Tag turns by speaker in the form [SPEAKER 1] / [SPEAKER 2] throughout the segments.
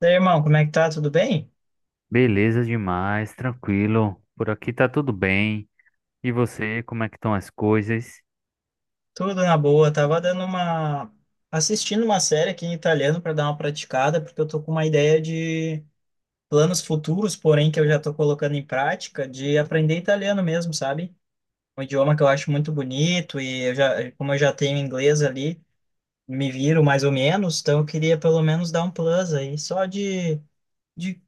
[SPEAKER 1] E aí, irmão, como é que tá? Tudo bem?
[SPEAKER 2] Beleza demais, tranquilo. Por aqui tá tudo bem. E você, como é que estão as coisas?
[SPEAKER 1] Tudo na boa. Tava dando uma assistindo uma série aqui em italiano para dar uma praticada, porque eu tô com uma ideia de planos futuros, porém que eu já tô colocando em prática, de aprender italiano mesmo, sabe? Um idioma que eu acho muito bonito e eu já, como eu já tenho inglês ali, me viro mais ou menos, então eu queria pelo menos dar um plus aí, só de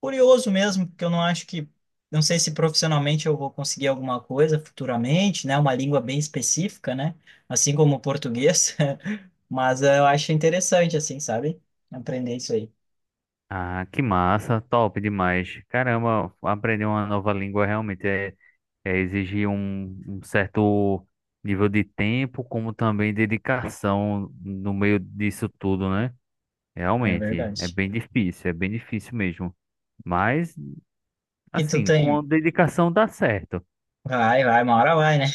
[SPEAKER 1] curioso mesmo, porque eu não acho que, não sei se profissionalmente eu vou conseguir alguma coisa futuramente, né? Uma língua bem específica, né? Assim como o português, mas eu acho interessante, assim, sabe? Aprender isso aí.
[SPEAKER 2] Ah, que massa, top demais. Caramba, aprender uma nova língua realmente é exigir um certo nível de tempo, como também dedicação no meio disso tudo, né?
[SPEAKER 1] É
[SPEAKER 2] Realmente,
[SPEAKER 1] verdade.
[SPEAKER 2] é bem difícil mesmo. Mas,
[SPEAKER 1] E tu
[SPEAKER 2] assim,
[SPEAKER 1] tem,
[SPEAKER 2] com dedicação dá certo.
[SPEAKER 1] vai, vai, uma hora vai, né?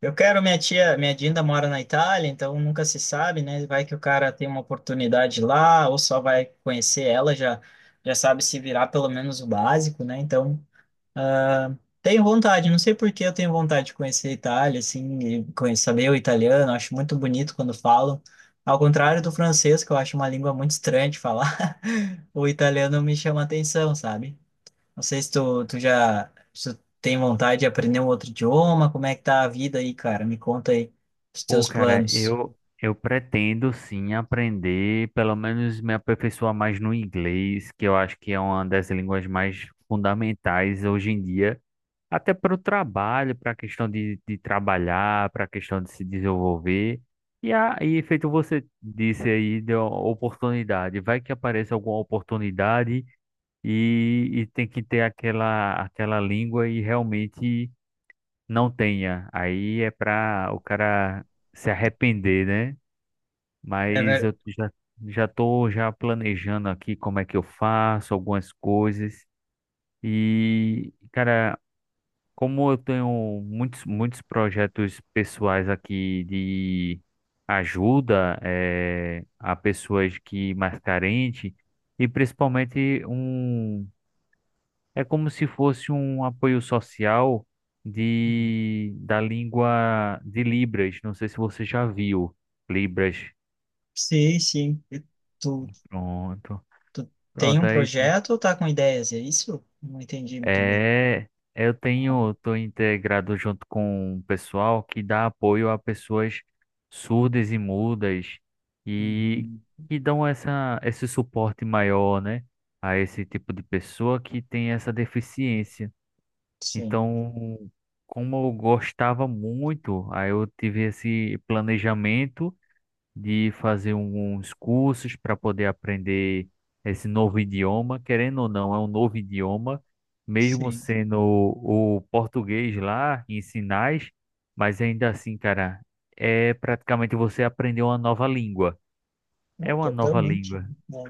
[SPEAKER 1] Eu quero, minha tia, minha Dinda mora na Itália, então nunca se sabe, né? Vai que o cara tem uma oportunidade lá, ou só vai conhecer ela, já, já sabe se virar pelo menos o básico, né? Então. Ah, tenho vontade, não sei por que eu tenho vontade de conhecer a Itália, assim, e saber o italiano, acho muito bonito quando falam. Ao contrário do francês, que eu acho uma língua muito estranha de falar, o italiano me chama a atenção, sabe? Não sei se tu, tu já se tu tem vontade de aprender um outro idioma, como é que tá a vida aí, cara? Me conta aí os
[SPEAKER 2] Pô,
[SPEAKER 1] teus
[SPEAKER 2] cara,
[SPEAKER 1] planos.
[SPEAKER 2] eu pretendo sim aprender, pelo menos me aperfeiçoar mais no inglês, que eu acho que é uma das línguas mais fundamentais hoje em dia, até para o trabalho, para a questão de trabalhar, para a questão de se desenvolver. E aí, feito você disse aí, deu oportunidade. Vai que apareça alguma oportunidade e tem que ter aquela língua e realmente não tenha. Aí é pra o cara se arrepender, né?
[SPEAKER 1] É
[SPEAKER 2] Mas
[SPEAKER 1] ver...
[SPEAKER 2] eu já, já tô já planejando aqui como é que eu faço algumas coisas. E, cara, como eu tenho muitos projetos pessoais aqui de ajuda a pessoas que mais carentes, e principalmente é como se fosse um apoio social de da língua de Libras. Não sei se você já viu Libras.
[SPEAKER 1] Sim, sim. E tu,
[SPEAKER 2] Pronto.
[SPEAKER 1] tu tem
[SPEAKER 2] Pronto,
[SPEAKER 1] um projeto ou tá com ideias? É isso? Não entendi muito bem.
[SPEAKER 2] é, eu tenho, tô integrado junto com o pessoal que dá apoio a pessoas surdas e mudas e
[SPEAKER 1] Uhum.
[SPEAKER 2] que dão essa esse suporte maior, né, a esse tipo de pessoa que tem essa deficiência.
[SPEAKER 1] Sim.
[SPEAKER 2] Então, como eu gostava muito, aí eu tive esse planejamento de fazer uns cursos para poder aprender esse novo idioma. Querendo ou não, é um novo idioma, mesmo
[SPEAKER 1] Sim.
[SPEAKER 2] sendo o português lá em sinais, mas ainda assim, cara, é praticamente você aprender uma nova língua.
[SPEAKER 1] Não,
[SPEAKER 2] É uma nova
[SPEAKER 1] totalmente,
[SPEAKER 2] língua.
[SPEAKER 1] né?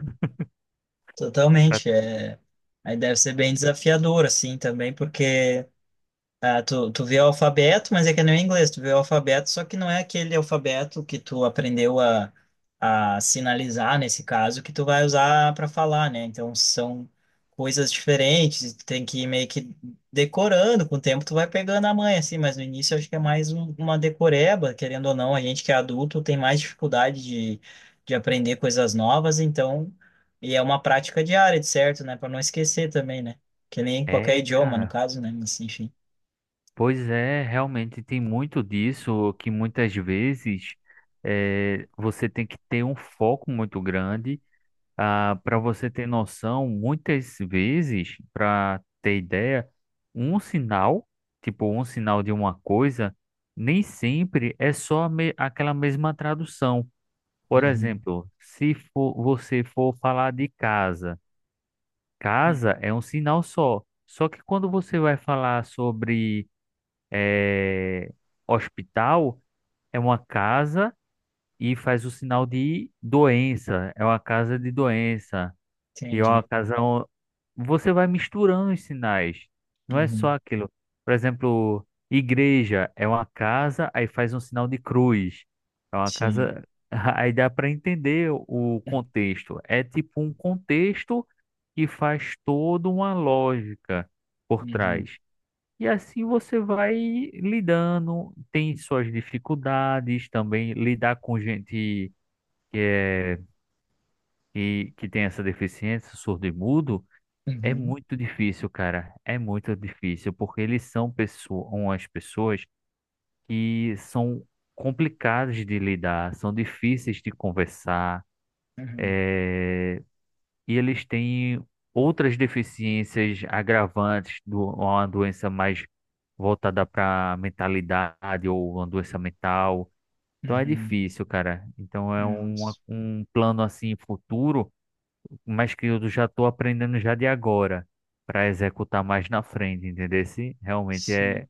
[SPEAKER 2] Pra-
[SPEAKER 1] Totalmente. Aí deve ser bem desafiador, assim, também, porque. Ah, tu vê o alfabeto, mas é que não é inglês. Tu vê o alfabeto, só que não é aquele alfabeto que tu aprendeu a sinalizar, nesse caso, que tu vai usar para falar, né? Então são coisas diferentes. Tu tem que ir meio que decorando. Com o tempo tu vai pegando a manha, assim. Mas no início eu acho que é mais uma decoreba, querendo ou não. A gente que é adulto tem mais dificuldade de aprender coisas novas, então. E é uma prática diária, de certo, né? Para não esquecer também, né? Que nem qualquer
[SPEAKER 2] É,
[SPEAKER 1] idioma, no
[SPEAKER 2] cara.
[SPEAKER 1] caso, né? Mas enfim.
[SPEAKER 2] Pois é, realmente tem muito disso que muitas vezes você tem que ter um foco muito grande para você ter noção. Muitas vezes, para ter ideia, um sinal, tipo um sinal de uma coisa, nem sempre é só aquela mesma tradução. Por
[SPEAKER 1] Uhum,
[SPEAKER 2] exemplo, se for, você for falar de casa, casa
[SPEAKER 1] uhum,
[SPEAKER 2] é um sinal só. Só que quando você vai falar sobre é, hospital é uma casa e faz o sinal de doença. É uma casa de
[SPEAKER 1] uhum.
[SPEAKER 2] doença. E é uma
[SPEAKER 1] Entendi.
[SPEAKER 2] casa. Você vai misturando os sinais. Não é só
[SPEAKER 1] Uhum,
[SPEAKER 2] aquilo. Por exemplo, igreja é uma casa, aí faz um sinal de cruz. É uma
[SPEAKER 1] sim.
[SPEAKER 2] casa. Aí dá para entender o
[SPEAKER 1] Uhum,
[SPEAKER 2] contexto. É tipo um contexto que faz toda uma lógica por
[SPEAKER 1] uhum,
[SPEAKER 2] trás. E assim você vai lidando, tem suas dificuldades também, lidar com gente que é que tem essa deficiência, surdo e mudo, é
[SPEAKER 1] uhum,
[SPEAKER 2] muito difícil, cara. É muito difícil, porque eles são pessoas, umas pessoas que são complicadas de lidar, são difíceis de conversar,
[SPEAKER 1] uhum,
[SPEAKER 2] e eles têm outras deficiências agravantes do uma doença mais voltada para mentalidade ou uma doença mental. Então é
[SPEAKER 1] uhum.
[SPEAKER 2] difícil, cara. Então é um,
[SPEAKER 1] Nossa,
[SPEAKER 2] um plano assim futuro, mas que eu já estou aprendendo já de agora para executar mais na frente, entendeu? Se realmente é,
[SPEAKER 1] sim.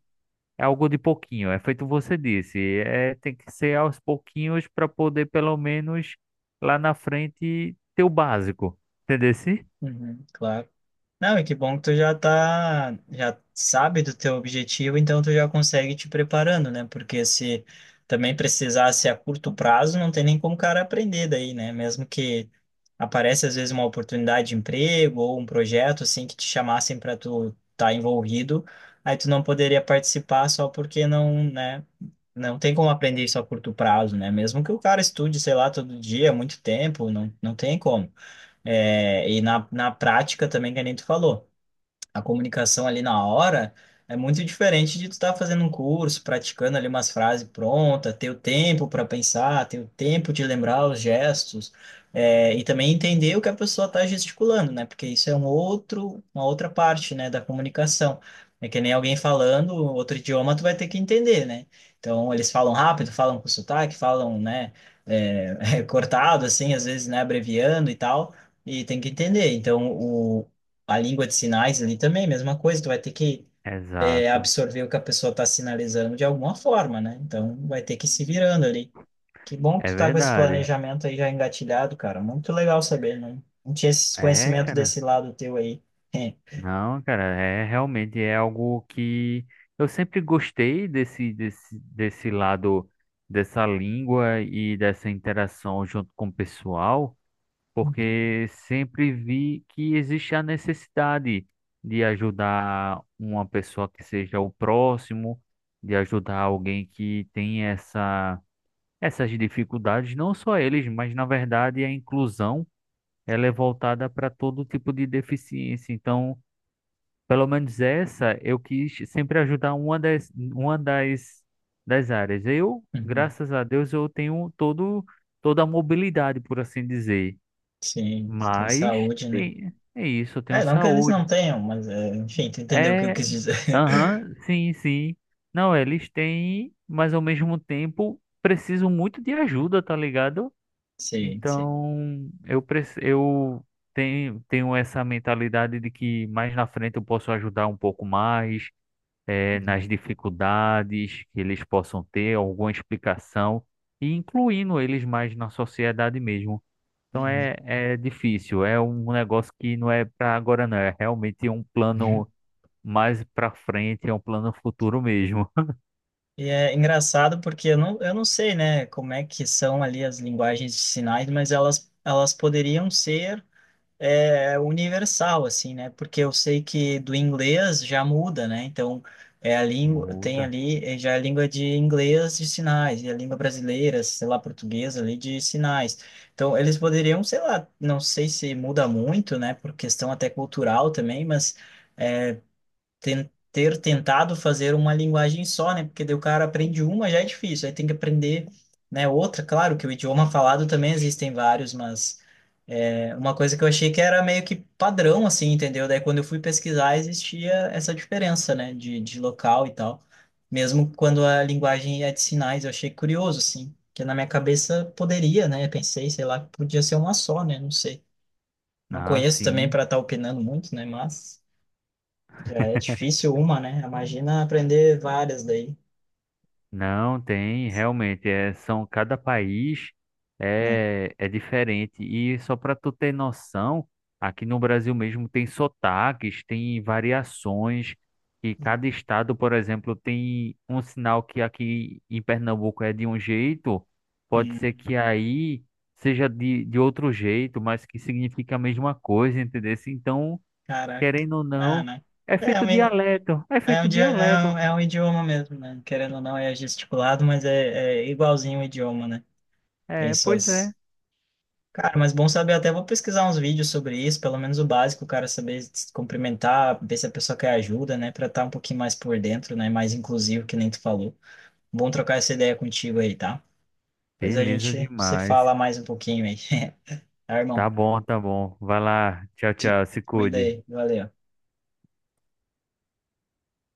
[SPEAKER 2] é algo de pouquinho, é feito você disse, é tem que ser aos pouquinhos para poder pelo menos lá na frente ter o básico, entendeu? Se?
[SPEAKER 1] Uhum, claro. Não, e que bom que tu já tá, já sabe do teu objetivo, então tu já consegue te preparando, né? Porque se também precisasse a curto prazo, não tem nem como o cara aprender daí, né? Mesmo que aparece às vezes uma oportunidade de emprego ou um projeto assim que te chamassem para tu estar envolvido, aí tu não poderia participar só porque não, né? Não tem como aprender isso a curto prazo, né? Mesmo que o cara estude, sei lá, todo dia, muito tempo, não, não tem como. É, e na prática também, que nem tu falou a comunicação ali na hora é muito diferente de tu estar fazendo um curso, praticando ali umas frases prontas, ter o tempo para pensar, ter o tempo de lembrar os gestos, e também entender o que a pessoa está gesticulando, né? Porque isso é um outro, uma outra parte, né, da comunicação. É que nem alguém falando outro idioma, tu vai ter que entender, né? Então, eles falam rápido, falam com sotaque, falam, né, cortado, assim, às vezes, né, abreviando e tal e tem que entender. Então, o a língua de sinais ali também, mesma coisa, tu vai ter que
[SPEAKER 2] Exato,
[SPEAKER 1] absorver o que a pessoa está sinalizando de alguma forma, né? Então vai ter que ir se virando ali. Que bom que
[SPEAKER 2] é
[SPEAKER 1] tu tá com esse
[SPEAKER 2] verdade.
[SPEAKER 1] planejamento aí já engatilhado, cara. Muito legal saber, não, não tinha esse
[SPEAKER 2] É,
[SPEAKER 1] conhecimento
[SPEAKER 2] cara.
[SPEAKER 1] desse lado teu aí. É.
[SPEAKER 2] Não, cara, realmente é algo que eu sempre gostei desse lado dessa língua e dessa interação junto com o pessoal,
[SPEAKER 1] Uhum.
[SPEAKER 2] porque sempre vi que existe a necessidade de ajudar uma pessoa que seja o próximo, de ajudar alguém que tem essas dificuldades, não só eles, mas na verdade a inclusão ela é voltada para todo tipo de deficiência. Então, pelo menos essa eu quis sempre ajudar das áreas. Eu,
[SPEAKER 1] Uhum.
[SPEAKER 2] graças a Deus, toda a mobilidade, por assim dizer.
[SPEAKER 1] Sim, tem
[SPEAKER 2] Mas
[SPEAKER 1] saúde, né?
[SPEAKER 2] tem, é isso, eu tenho
[SPEAKER 1] É, não que eles não
[SPEAKER 2] saúde.
[SPEAKER 1] tenham, mas é, enfim, tu entendeu o que eu
[SPEAKER 2] É,
[SPEAKER 1] quis dizer.
[SPEAKER 2] aham, sim, sim. Não, eles têm, mas ao mesmo tempo precisam muito de ajuda, tá ligado?
[SPEAKER 1] Sim, sim.
[SPEAKER 2] Então, eu tenho, tenho essa mentalidade de que mais na frente eu posso ajudar um pouco mais
[SPEAKER 1] Uhum.
[SPEAKER 2] nas dificuldades que eles possam ter, alguma explicação, e incluindo eles mais na sociedade mesmo. Então é difícil, é um negócio que não é para agora, não, é realmente um
[SPEAKER 1] Uhum.
[SPEAKER 2] plano mais para frente, é um plano futuro mesmo.
[SPEAKER 1] E é engraçado porque eu não sei, né, como é que são ali as linguagens de sinais, mas elas poderiam ser universal, assim, né? Porque eu sei que do inglês já muda, né? Então, é a língua, tem
[SPEAKER 2] Muda.
[SPEAKER 1] ali já é a língua de inglês de sinais, e a língua brasileira, sei lá, portuguesa ali de sinais. Então, eles poderiam, sei lá, não sei se muda muito, né, por questão até cultural também, mas ter tentado fazer uma linguagem só, né? Porque daí o cara aprende uma, já é difícil, aí tem que aprender, né, outra. Claro que o idioma falado também existem vários, mas é uma coisa que eu achei que era meio que padrão, assim, entendeu? Daí quando eu fui pesquisar, existia essa diferença, né, de local e tal. Mesmo quando a linguagem é de sinais, eu achei curioso, assim. Que na minha cabeça poderia, né? Pensei, sei lá, que podia ser uma só, né? Não sei. Não
[SPEAKER 2] Ah,
[SPEAKER 1] conheço também
[SPEAKER 2] sim.
[SPEAKER 1] para estar opinando muito, né? Mas. Já é difícil uma, né? Imagina aprender várias daí.
[SPEAKER 2] Não tem, realmente, são cada país
[SPEAKER 1] Né?
[SPEAKER 2] é diferente. E só para tu ter noção, aqui no Brasil mesmo tem sotaques, tem variações, e cada estado, por exemplo, tem um sinal que aqui em Pernambuco é de um jeito, pode ser
[SPEAKER 1] Hum.
[SPEAKER 2] que aí seja de outro jeito, mas que significa a mesma coisa, entendeu? Então,
[SPEAKER 1] Caraca.
[SPEAKER 2] querendo ou
[SPEAKER 1] Ah,
[SPEAKER 2] não,
[SPEAKER 1] né?
[SPEAKER 2] é
[SPEAKER 1] É é
[SPEAKER 2] feito
[SPEAKER 1] um, i-
[SPEAKER 2] dialeto, é
[SPEAKER 1] é um,
[SPEAKER 2] feito
[SPEAKER 1] idi-
[SPEAKER 2] dialeto.
[SPEAKER 1] é um idioma mesmo, né? Querendo ou não, é gesticulado, mas é igualzinho o idioma, né? Tem
[SPEAKER 2] É, pois é.
[SPEAKER 1] suas. Cara, mas bom saber, até vou pesquisar uns vídeos sobre isso, pelo menos o básico, o cara saber se cumprimentar, ver se a pessoa quer ajuda, né? Pra estar um pouquinho mais por dentro, né? Mais inclusivo, que nem tu falou. Bom trocar essa ideia contigo aí, tá? Pois a
[SPEAKER 2] Beleza
[SPEAKER 1] gente se fala
[SPEAKER 2] demais.
[SPEAKER 1] mais um pouquinho aí. Tá,
[SPEAKER 2] Tá
[SPEAKER 1] irmão?
[SPEAKER 2] bom, tá bom. Vai lá. Tchau,
[SPEAKER 1] Te
[SPEAKER 2] tchau. Se
[SPEAKER 1] cuida
[SPEAKER 2] cuide.
[SPEAKER 1] aí. Valeu.